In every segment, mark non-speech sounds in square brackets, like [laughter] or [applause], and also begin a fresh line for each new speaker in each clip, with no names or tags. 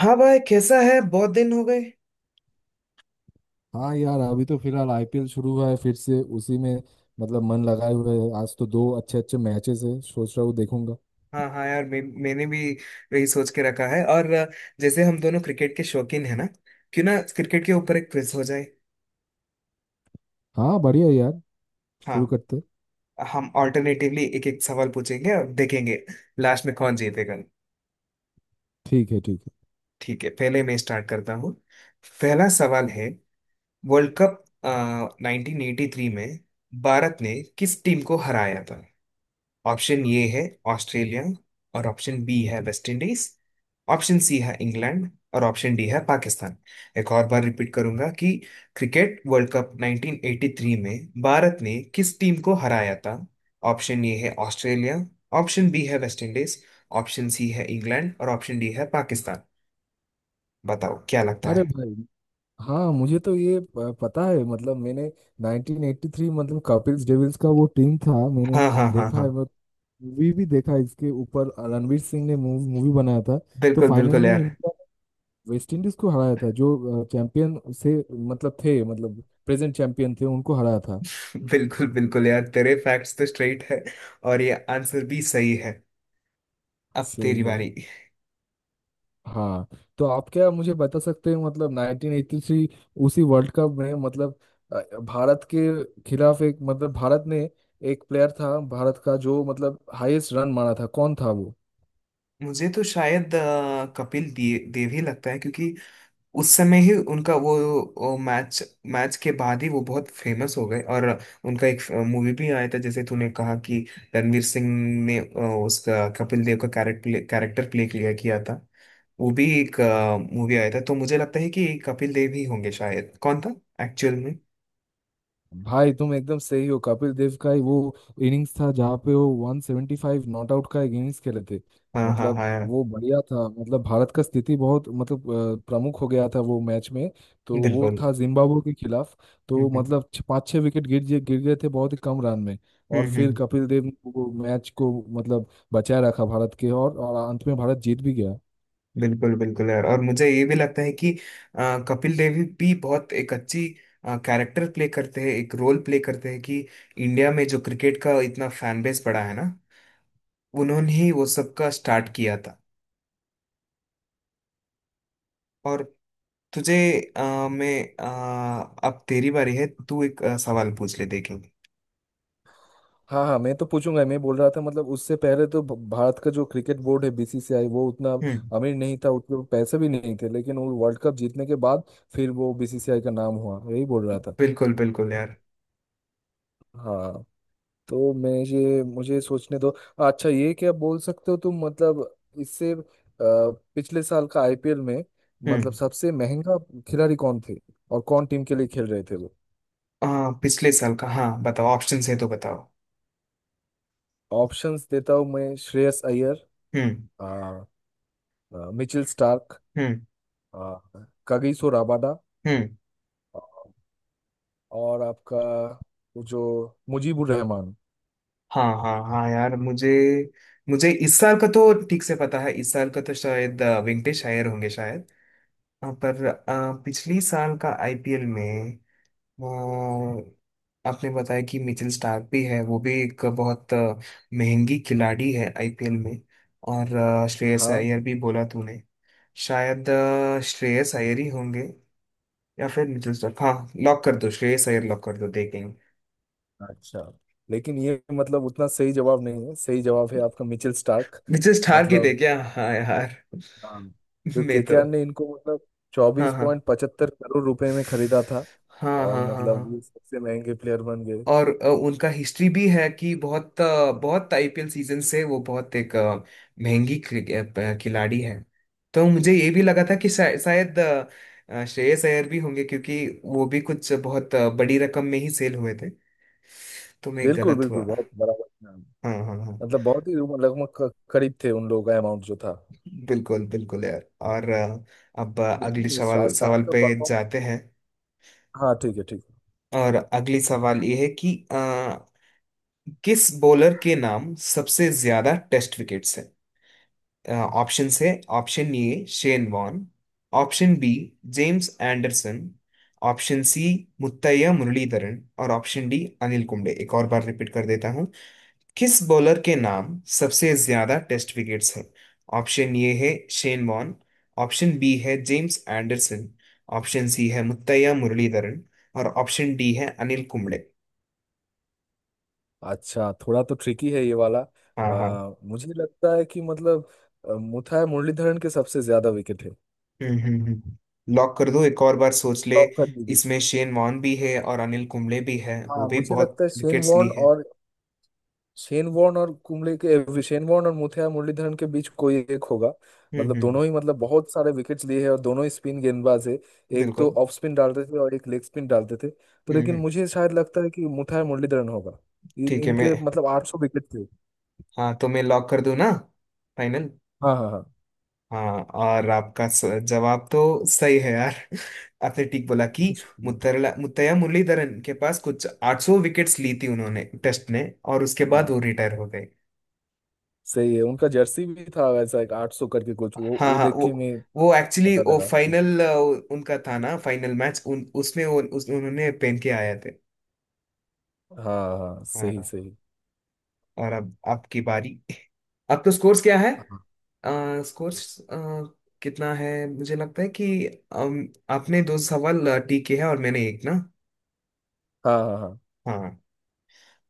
हाँ भाई कैसा है। बहुत दिन हो गए।
हाँ यार अभी तो फिलहाल आईपीएल शुरू हुआ है फिर से। उसी में मतलब मन लगाए हुए है। आज तो दो अच्छे अच्छे मैचेस है, सोच रहा हूँ देखूंगा।
हाँ हाँ यार, मैंने भी वही सोच के रखा है। और जैसे हम दोनों क्रिकेट के शौकीन है ना, क्यों ना क्रिकेट के ऊपर एक क्विज हो जाए।
हाँ बढ़िया यार। शुरू
हाँ।
करते।
हम ऑल्टरनेटिवली एक एक सवाल पूछेंगे और देखेंगे लास्ट में कौन जीतेगा।
ठीक है ठीक है।
ठीक है, पहले मैं स्टार्ट करता हूँ। पहला सवाल है, वर्ल्ड कप 1983 में भारत ने किस टीम को हराया। ऑप्शन ये है ऑस्ट्रेलिया, और ऑप्शन बी है वेस्ट इंडीज, ऑप्शन सी है इंग्लैंड, और ऑप्शन डी है पाकिस्तान। एक और बार रिपीट करूंगा कि क्रिकेट वर्ल्ड कप 1983 में भारत ने किस टीम को हराया था। ऑप्शन ए है ऑस्ट्रेलिया, ऑप्शन बी है वेस्ट इंडीज, ऑप्शन सी है इंग्लैंड, और ऑप्शन डी है पाकिस्तान। बताओ क्या लगता
अरे
है।
भाई। हाँ मुझे तो ये पता है मतलब मैंने 1983 मतलब कपिल डेविल्स का वो टीम था। मैंने
हाँ हाँ हाँ
देखा
हाँ।
है मैं। मूवी भी देखा है इसके ऊपर, रणवीर सिंह ने मूवी बनाया था। तो
बिल्कुल
फाइनल
बिल्कुल
में
यार।
इनका वेस्ट इंडीज को हराया था, जो चैंपियन से मतलब थे मतलब प्रेजेंट चैंपियन थे उनको हराया था।
[laughs] बिल्कुल बिल्कुल यार, तेरे फैक्ट्स तो स्ट्रेट है और ये आंसर भी सही है। अब
सही
तेरी
है।
बारी।
हाँ। तो आप क्या मुझे बता सकते हैं मतलब 1983 उसी वर्ल्ड कप में मतलब भारत के खिलाफ एक मतलब भारत ने एक प्लेयर था भारत का जो मतलब हाईएस्ट रन मारा था, कौन था वो?
मुझे तो शायद कपिल देव ही लगता है, क्योंकि उस समय ही उनका वो, मैच मैच के बाद ही वो बहुत फेमस हो गए। और उनका एक मूवी भी आया था, जैसे तूने कहा कि रणवीर सिंह ने उसका कपिल देव का कैरेक्टर कैरेक्टर प्ले किया किया था। वो भी एक मूवी आया था, तो मुझे लगता है कि कपिल देव ही होंगे शायद। कौन था एक्चुअल में?
भाई तुम एकदम सही हो। कपिल देव का ही वो इनिंग्स था जहाँ पे वो 175 नॉट आउट का एक इनिंग्स खेले थे।
हाँ हाँ
मतलब
हाँ।
वो बढ़िया था, मतलब भारत का स्थिति बहुत मतलब प्रमुख हो गया था वो मैच में। तो वो
बिल्कुल।
था जिम्बाब्वे के खिलाफ। तो
हम्म।
मतलब पाँच छह विकेट गिर गए थे बहुत ही कम रन में। और फिर
हम्म।
कपिल देव ने वो मैच को मतलब बचाए रखा भारत के, और अंत में भारत जीत भी गया।
बिल्कुल बिल्कुल यार। और मुझे ये भी लगता है कि अ, कपिल देव भी बहुत एक अच्छी कैरेक्टर प्ले करते हैं, एक रोल प्ले करते हैं कि इंडिया में जो क्रिकेट का इतना फैन बेस बड़ा है ना, उन्होंने ही वो सब का स्टार्ट किया था। और तुझे मैं अब तेरी बारी है, तू एक सवाल पूछ ले देखेंगे।
हाँ हाँ मैं तो पूछूंगा। मैं बोल रहा था मतलब उससे पहले तो भारत का जो क्रिकेट बोर्ड है बीसीसीआई वो उतना
हम्म।
अमीर नहीं था, उतने पैसे भी नहीं थे, लेकिन वो वर्ल्ड कप जीतने के बाद फिर वो बीसीसीआई का नाम हुआ, यही बोल रहा था।
बिल्कुल बिल्कुल यार।
हाँ। तो मैं ये, मुझे सोचने दो। अच्छा ये क्या बोल सकते हो तुम मतलब इससे पिछले साल का आईपीएल में मतलब
हम्म।
सबसे महंगा खिलाड़ी कौन थे, और कौन टीम के लिए खेल रहे थे वो?
अ, पिछले साल का, हाँ बताओ। ऑप्शंस है तो बताओ।
ऑप्शंस देता हूँ मैं। श्रेयस अय्यर,
हम्म।
आ, आ, मिचेल स्टार्क,
हम्म।
कगिसो राबादा,
हम्म।
अ, और आपका वो जो मुजीबुर रहमान।
हाँ हाँ हाँ यार, मुझे मुझे इस साल का तो ठीक से पता है। इस साल का तो शायद वेंकटेश अय्यर होंगे शायद। पर पिछली साल का आईपीएल में आपने बताया कि मिचेल स्टार्क भी है, वो भी एक बहुत महंगी खिलाड़ी है आईपीएल में। और श्रेयस
हाँ
अय्यर भी बोला तूने। शायद श्रेयस अय्यर ही होंगे, या फिर मिचेल स्टार्क। हाँ, लॉक कर दो, श्रेयस अय्यर लॉक कर दो, देखेंगे।
अच्छा, लेकिन ये मतलब उतना सही जवाब नहीं है। सही जवाब है आपका मिचेल स्टार्क।
मिचेल स्टार्क ही
मतलब
देखे। हाँ यार।
हाँ,
[laughs]
तो
मैं तो।
केकेआर ने इनको मतलब
हाँ
चौबीस
हाँ
पॉइंट पचहत्तर करोड़ रुपए में खरीदा था,
हाँ
और
हाँ। हाँ हाँ।
मतलब ये सबसे महंगे प्लेयर बन गए।
और उनका हिस्ट्री भी है कि बहुत अ, बहुत आईपीएल सीजन से वो बहुत एक महंगी खिलाड़ी है। तो मुझे ये भी लगा था कि शायद श्रेयस अय्यर भी होंगे, क्योंकि वो भी कुछ बहुत बड़ी रकम में ही सेल हुए थे। तो मैं
बिल्कुल
गलत
बिल्कुल
हुआ।
बहुत बराबर हाँ।
हाँ हाँ हाँ।
मतलब बहुत ही लगभग करीब थे उन लोगों का अमाउंट जो था।
बिल्कुल बिल्कुल यार। और अब अगले
लेकिन ये
सवाल
स्टार्क
सवाल
का
पे
परफॉर्म।
जाते हैं।
हाँ ठीक है ठीक है।
और अगली सवाल ये है कि किस बॉलर के नाम सबसे ज्यादा टेस्ट विकेट्स हैं। ऑप्शन है, option A Shane Warne, option B James Anderson, option C Muttiah Muralitharan, और ऑप्शन डी अनिल कुंबले। एक और बार रिपीट कर देता हूँ, किस बॉलर के नाम सबसे ज्यादा टेस्ट विकेट्स हैं। ऑप्शन ए है शेन वॉन, ऑप्शन बी है जेम्स एंडरसन, ऑप्शन सी है मुत्तैया मुरलीधरन, और ऑप्शन डी है अनिल कुंबले।
अच्छा थोड़ा तो ट्रिकी है ये वाला।
हाँ हाँ।
मुझे लगता है कि मतलब मुथाय मुरलीधरन के सबसे ज्यादा विकेट है।
हम्म। लॉक कर दो, एक और बार सोच ले।
लॉक कर दीजिए।
इसमें शेन वॉन भी है और अनिल कुंबले भी है, वो
हाँ
भी
मुझे
बहुत
लगता है
विकेट्स ली है।
शेन वॉर्न और मुथैया मुरलीधरन के बीच कोई एक होगा। मतलब
हम्म।
दोनों ही मतलब बहुत सारे विकेट्स लिए हैं, और दोनों ही स्पिन गेंदबाज है। एक तो
बिल्कुल।
ऑफ स्पिन डालते थे और एक लेग स्पिन डालते थे। तो लेकिन
हम्म।
मुझे शायद लगता है कि मुथैया मुरलीधरन होगा। इन
ठीक है, मैं।
इनके मतलब 800 विकेट थे।
हाँ तो मैं लॉक कर दूं ना, फाइनल।
हाँ हाँ
हाँ और आपका जवाब तो सही है यार। [laughs] आपने ठीक बोला कि
हाँ
मुत्तरला मुत्तैया मुरलीधरन के पास कुछ 800 विकेट्स ली थी उन्होंने टेस्ट में। और उसके बाद
हाँ।
वो रिटायर हो गए।
सही है, उनका जर्सी भी था वैसा एक 800 करके कुछ, वो
हाँ
वो
हाँ,
देख के मैं
वो एक्चुअली
पता
वो
लगा।
फाइनल उनका था ना, फाइनल मैच। उन उसमें वो उन्होंने पहन के आए थे।
हाँ हाँ सही
हाँ।
सही।
और अब आपकी बारी। [laughs] अब तो स्कोर्स क्या है?
हाँ
स्कोर्स कितना है, मुझे लगता है कि आपने दो सवाल ठीक किए हैं और मैंने एक, ना?
हाँ हाँ हाँ।
हाँ,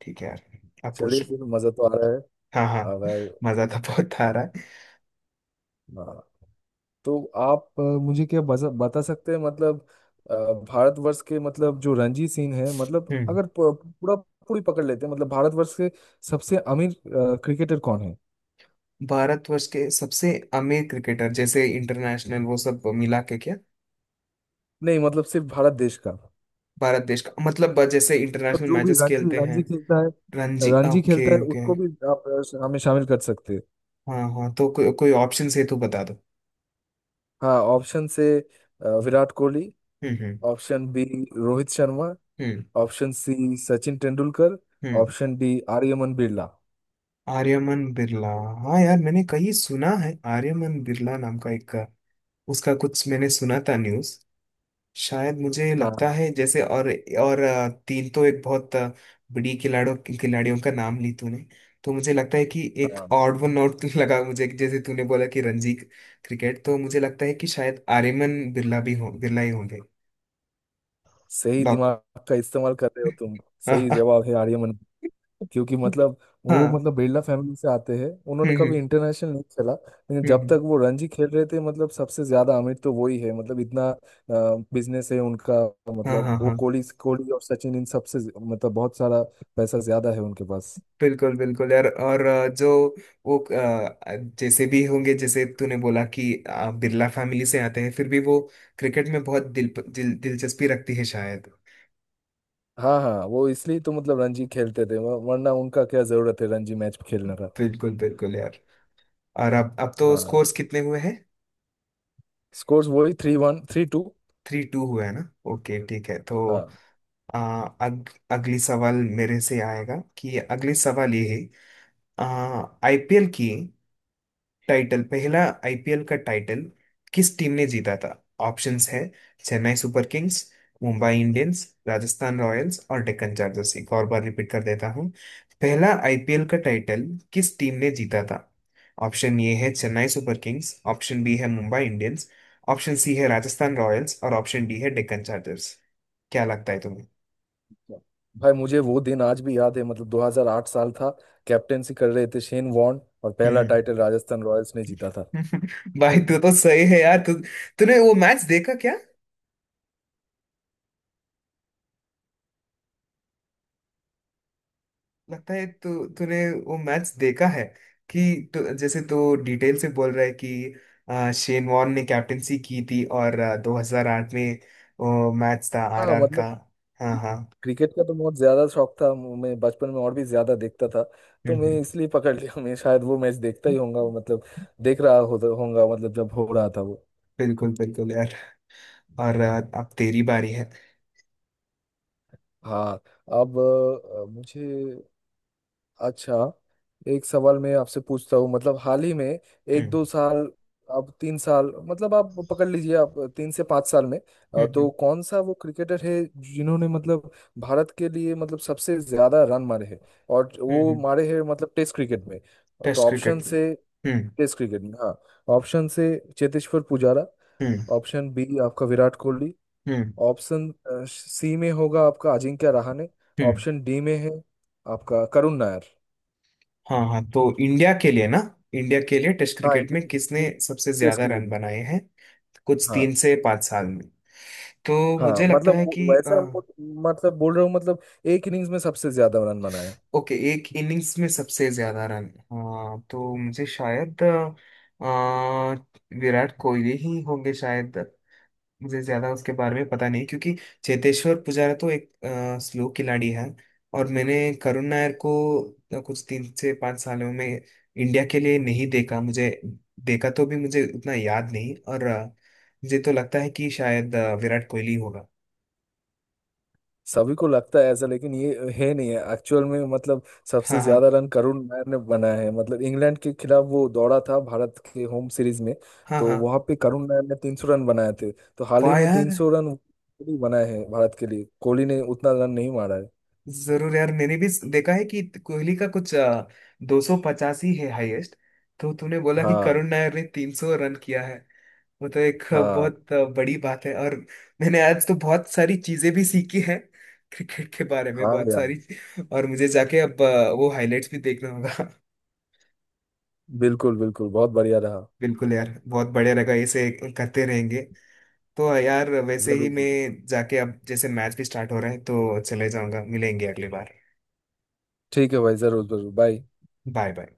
ठीक है यार, आप
चलिए
पूछ लो।
फिर, मजा तो आ रहा है
हाँ हाँ।
अगर।
मजा तो बहुत आ रहा
हाँ
है।
हाँ। तो आप मुझे क्या बता सकते हैं मतलब अ, भारतवर्ष के मतलब जो रणजी सिंह है मतलब,
हम्म।
अगर पूरा पूरी पकड़ लेते हैं मतलब भारतवर्ष के सबसे अमीर क्रिकेटर कौन है?
भारतवर्ष के सबसे अमीर क्रिकेटर, जैसे इंटरनेशनल? वो सब मिला के क्या?
नहीं मतलब सिर्फ भारत देश का।
भारत देश का मतलब जैसे
मतलब
इंटरनेशनल
जो भी
मैचेस
रणजी
खेलते हैं?
रणजी खेलता है,
रणजी,
रणजी
ओके
खेलता है
ओके।
उसको भी आप हमें शामिल कर सकते हैं।
हाँ हाँ तो कोई ऑप्शन है तो बता दो।
हाँ ऑप्शन से विराट कोहली।
हम्म हम्म
ऑप्शन बी रोहित शर्मा।
हम्म
ऑप्शन सी सचिन तेंदुलकर।
हम्म।
Option D Aryaman Birla.
आर्यमन बिरला। हाँ यार, मैंने कहीं सुना है आर्यमन बिरला नाम का एक, उसका कुछ मैंने सुना था न्यूज। शायद, मुझे
हाँ
लगता है जैसे। और तीन तो एक बहुत बड़ी खिलाड़ियों खिलाड़ियों का नाम ली तूने। तो मुझे लगता है कि एक
हाँ,
ऑड वन आउट [laughs] लगा मुझे, कि जैसे तूने बोला कि रणजी क्रिकेट, तो मुझे लगता है कि शायद आर्यमन बिरला भी हो, बिरला ही होंगे।
सही
लॉक।
दिमाग का इस्तेमाल कर रहे हो तुम।
[laughs]
सही
हाँ
जवाब है आर्यमन। क्योंकि मतलब
हाँ।
वो मतलब बिरला फैमिली से आते हैं, उन्होंने
हम्म।
कभी इंटरनेशनल नहीं खेला, लेकिन
हम्म
जब
हम्म।
तक वो रणजी खेल रहे थे मतलब सबसे ज्यादा अमीर तो वही है, मतलब इतना बिजनेस है उनका।
हाँ
मतलब
हाँ
वो
हाँ।
कोहली कोहली और सचिन इन सबसे मतलब बहुत सारा पैसा ज्यादा है उनके पास।
बिल्कुल बिल्कुल यार। और जो वो जैसे भी होंगे, जैसे तूने बोला कि बिरला फैमिली से आते हैं, फिर भी वो क्रिकेट में बहुत दिल, दिल दिलचस्पी रखती है शायद।
हाँ हाँ, वो इसलिए तो मतलब रणजी खेलते थे, वरना उनका क्या जरूरत है रणजी मैच खेलने का।
बिल्कुल बिल्कुल यार। और अब तो
हाँ
स्कोर्स कितने हुए हैं?
स्कोर्स वही three one three two.
Three two हुआ है ना? ओके ठीक है। तो
हाँ
अ, अगली सवाल मेरे से आएगा कि, अगली सवाल ये है, आईपीएल की टाइटल, पहला आईपीएल का टाइटल किस टीम ने जीता था? ऑप्शंस है Chennai Super Kings, Mumbai Indians, Rajasthan Royals, और डेक्कन चार्जर्स। एक और बार रिपीट कर देता हूँ, पहला आईपीएल का टाइटल किस टीम ने जीता था। ऑप्शन ए है Chennai Super Kings, option B है मुंबई इंडियंस, ऑप्शन सी है राजस्थान रॉयल्स, और ऑप्शन डी है डेक्कन चार्जर्स। क्या लगता है तुम्हें?
भाई मुझे वो दिन आज भी याद है, मतलब 2008 साल था। कैप्टेंसी कर रहे थे शेन वॉर्न और पहला
हम्म।
टाइटल राजस्थान रॉयल्स ने जीता था।
[laughs] भाई तू तो सही है यार। तू तूने वो मैच देखा क्या? लगता है तू, तूने वो मैच देखा है, कि तू, जैसे तू डिटेल से बोल रहा है कि शेन वॉर्न ने कैप्टेंसी की थी, और 2008 में वो मैच था
हाँ
आरआर का।
मतलब
हाँ हाँ।
क्रिकेट का तो बहुत ज्यादा शौक था, मैं बचपन में और भी ज्यादा देखता था। तो
हम्म
मैं
हम्म।
इसलिए पकड़ लिया, मैं शायद वो मैच देखता ही होऊंगा, वो मतलब देख रहा हो होऊंगा मतलब जब हो रहा था वो।
बिल्कुल बिल्कुल यार। और अब तेरी बारी है।
हाँ। अब मुझे, अच्छा एक सवाल मैं आपसे पूछता हूँ मतलब हाल ही में एक
हम्म
दो साल, अब तीन साल मतलब आप पकड़ लीजिए, आप 3 से 5 साल में
हम्म
तो
हम्म
कौन सा वो क्रिकेटर है जिन्होंने मतलब भारत के लिए मतलब सबसे ज्यादा रन मारे हैं, और
हम्म
वो
हम्म।
मारे हैं मतलब टेस्ट क्रिकेट में। तो
टेस्ट
ऑप्शन
क्रिकेट,
से, टेस्ट क्रिकेट में हाँ। ऑप्शन से चेतेश्वर पुजारा।
हम्म
ऑप्शन बी आपका विराट कोहली।
हम्म
ऑप्शन सी में होगा आपका अजिंक्य रहाणे।
हम्म।
ऑप्शन डी में है आपका करुण नायर।
हाँ हाँ तो इंडिया के लिए ना? इंडिया के लिए टेस्ट
हाँ
क्रिकेट में किसने
इंडियन
सबसे
टेस्ट
ज्यादा
क्रिकेट
रन
में।
बनाए हैं, कुछ
हाँ
3 से 5 साल में? तो
हाँ
मुझे लगता
मतलब
है कि अ,
मतलब बोल रहा हूँ मतलब एक इनिंग्स में सबसे ज्यादा रन बनाए।
ओके, एक इनिंग्स में सबसे ज्यादा रन। हाँ, तो मुझे शायद विराट कोहली ही होंगे शायद। मुझे ज्यादा उसके बारे में पता नहीं, क्योंकि चेतेश्वर पुजारा तो एक स्लो खिलाड़ी है। और मैंने करुण नायर को कुछ 3 से 5 सालों में इंडिया के लिए नहीं देखा, मुझे देखा तो भी मुझे उतना याद नहीं। और मुझे तो लगता है कि शायद विराट कोहली होगा।
सभी को लगता है ऐसा, लेकिन ये है नहीं है एक्चुअल में। मतलब सबसे
हाँ हाँ
ज्यादा रन करुण नायर ने बनाया है, मतलब इंग्लैंड के खिलाफ वो दौड़ा था भारत के होम सीरीज में।
हाँ
तो
हाँ।
वहां पे करुण नायर ने 300 रन बनाए थे, तो हाल ही
वाह
में
यार।
300 रन कोहली बनाए हैं भारत के लिए, कोहली ने उतना रन नहीं मारा है।
जरूर यार, मैंने भी देखा है कि कोहली का कुछ 285 है हाईएस्ट। तो तूने बोला कि
हाँ
करुण नायर ने 300 रन किया है, वो तो एक
हाँ
बहुत बड़ी बात है। और मैंने आज तो बहुत सारी चीजें भी सीखी है क्रिकेट के बारे में,
हाँ
बहुत
यार,
सारी। और मुझे जाके अब वो हाइलाइट्स भी देखना होगा।
बिल्कुल बिल्कुल बहुत बढ़िया रहा।
[laughs] बिल्कुल यार, बहुत बढ़िया लगा ऐसे, करते रहेंगे। तो यार वैसे ही
जरूर।
मैं जाके अब, जैसे मैच भी स्टार्ट हो रहा है, तो चले जाऊंगा, मिलेंगे अगली बार।
ठीक है भाई, जरूर जरूर, बाय।
Bye bye.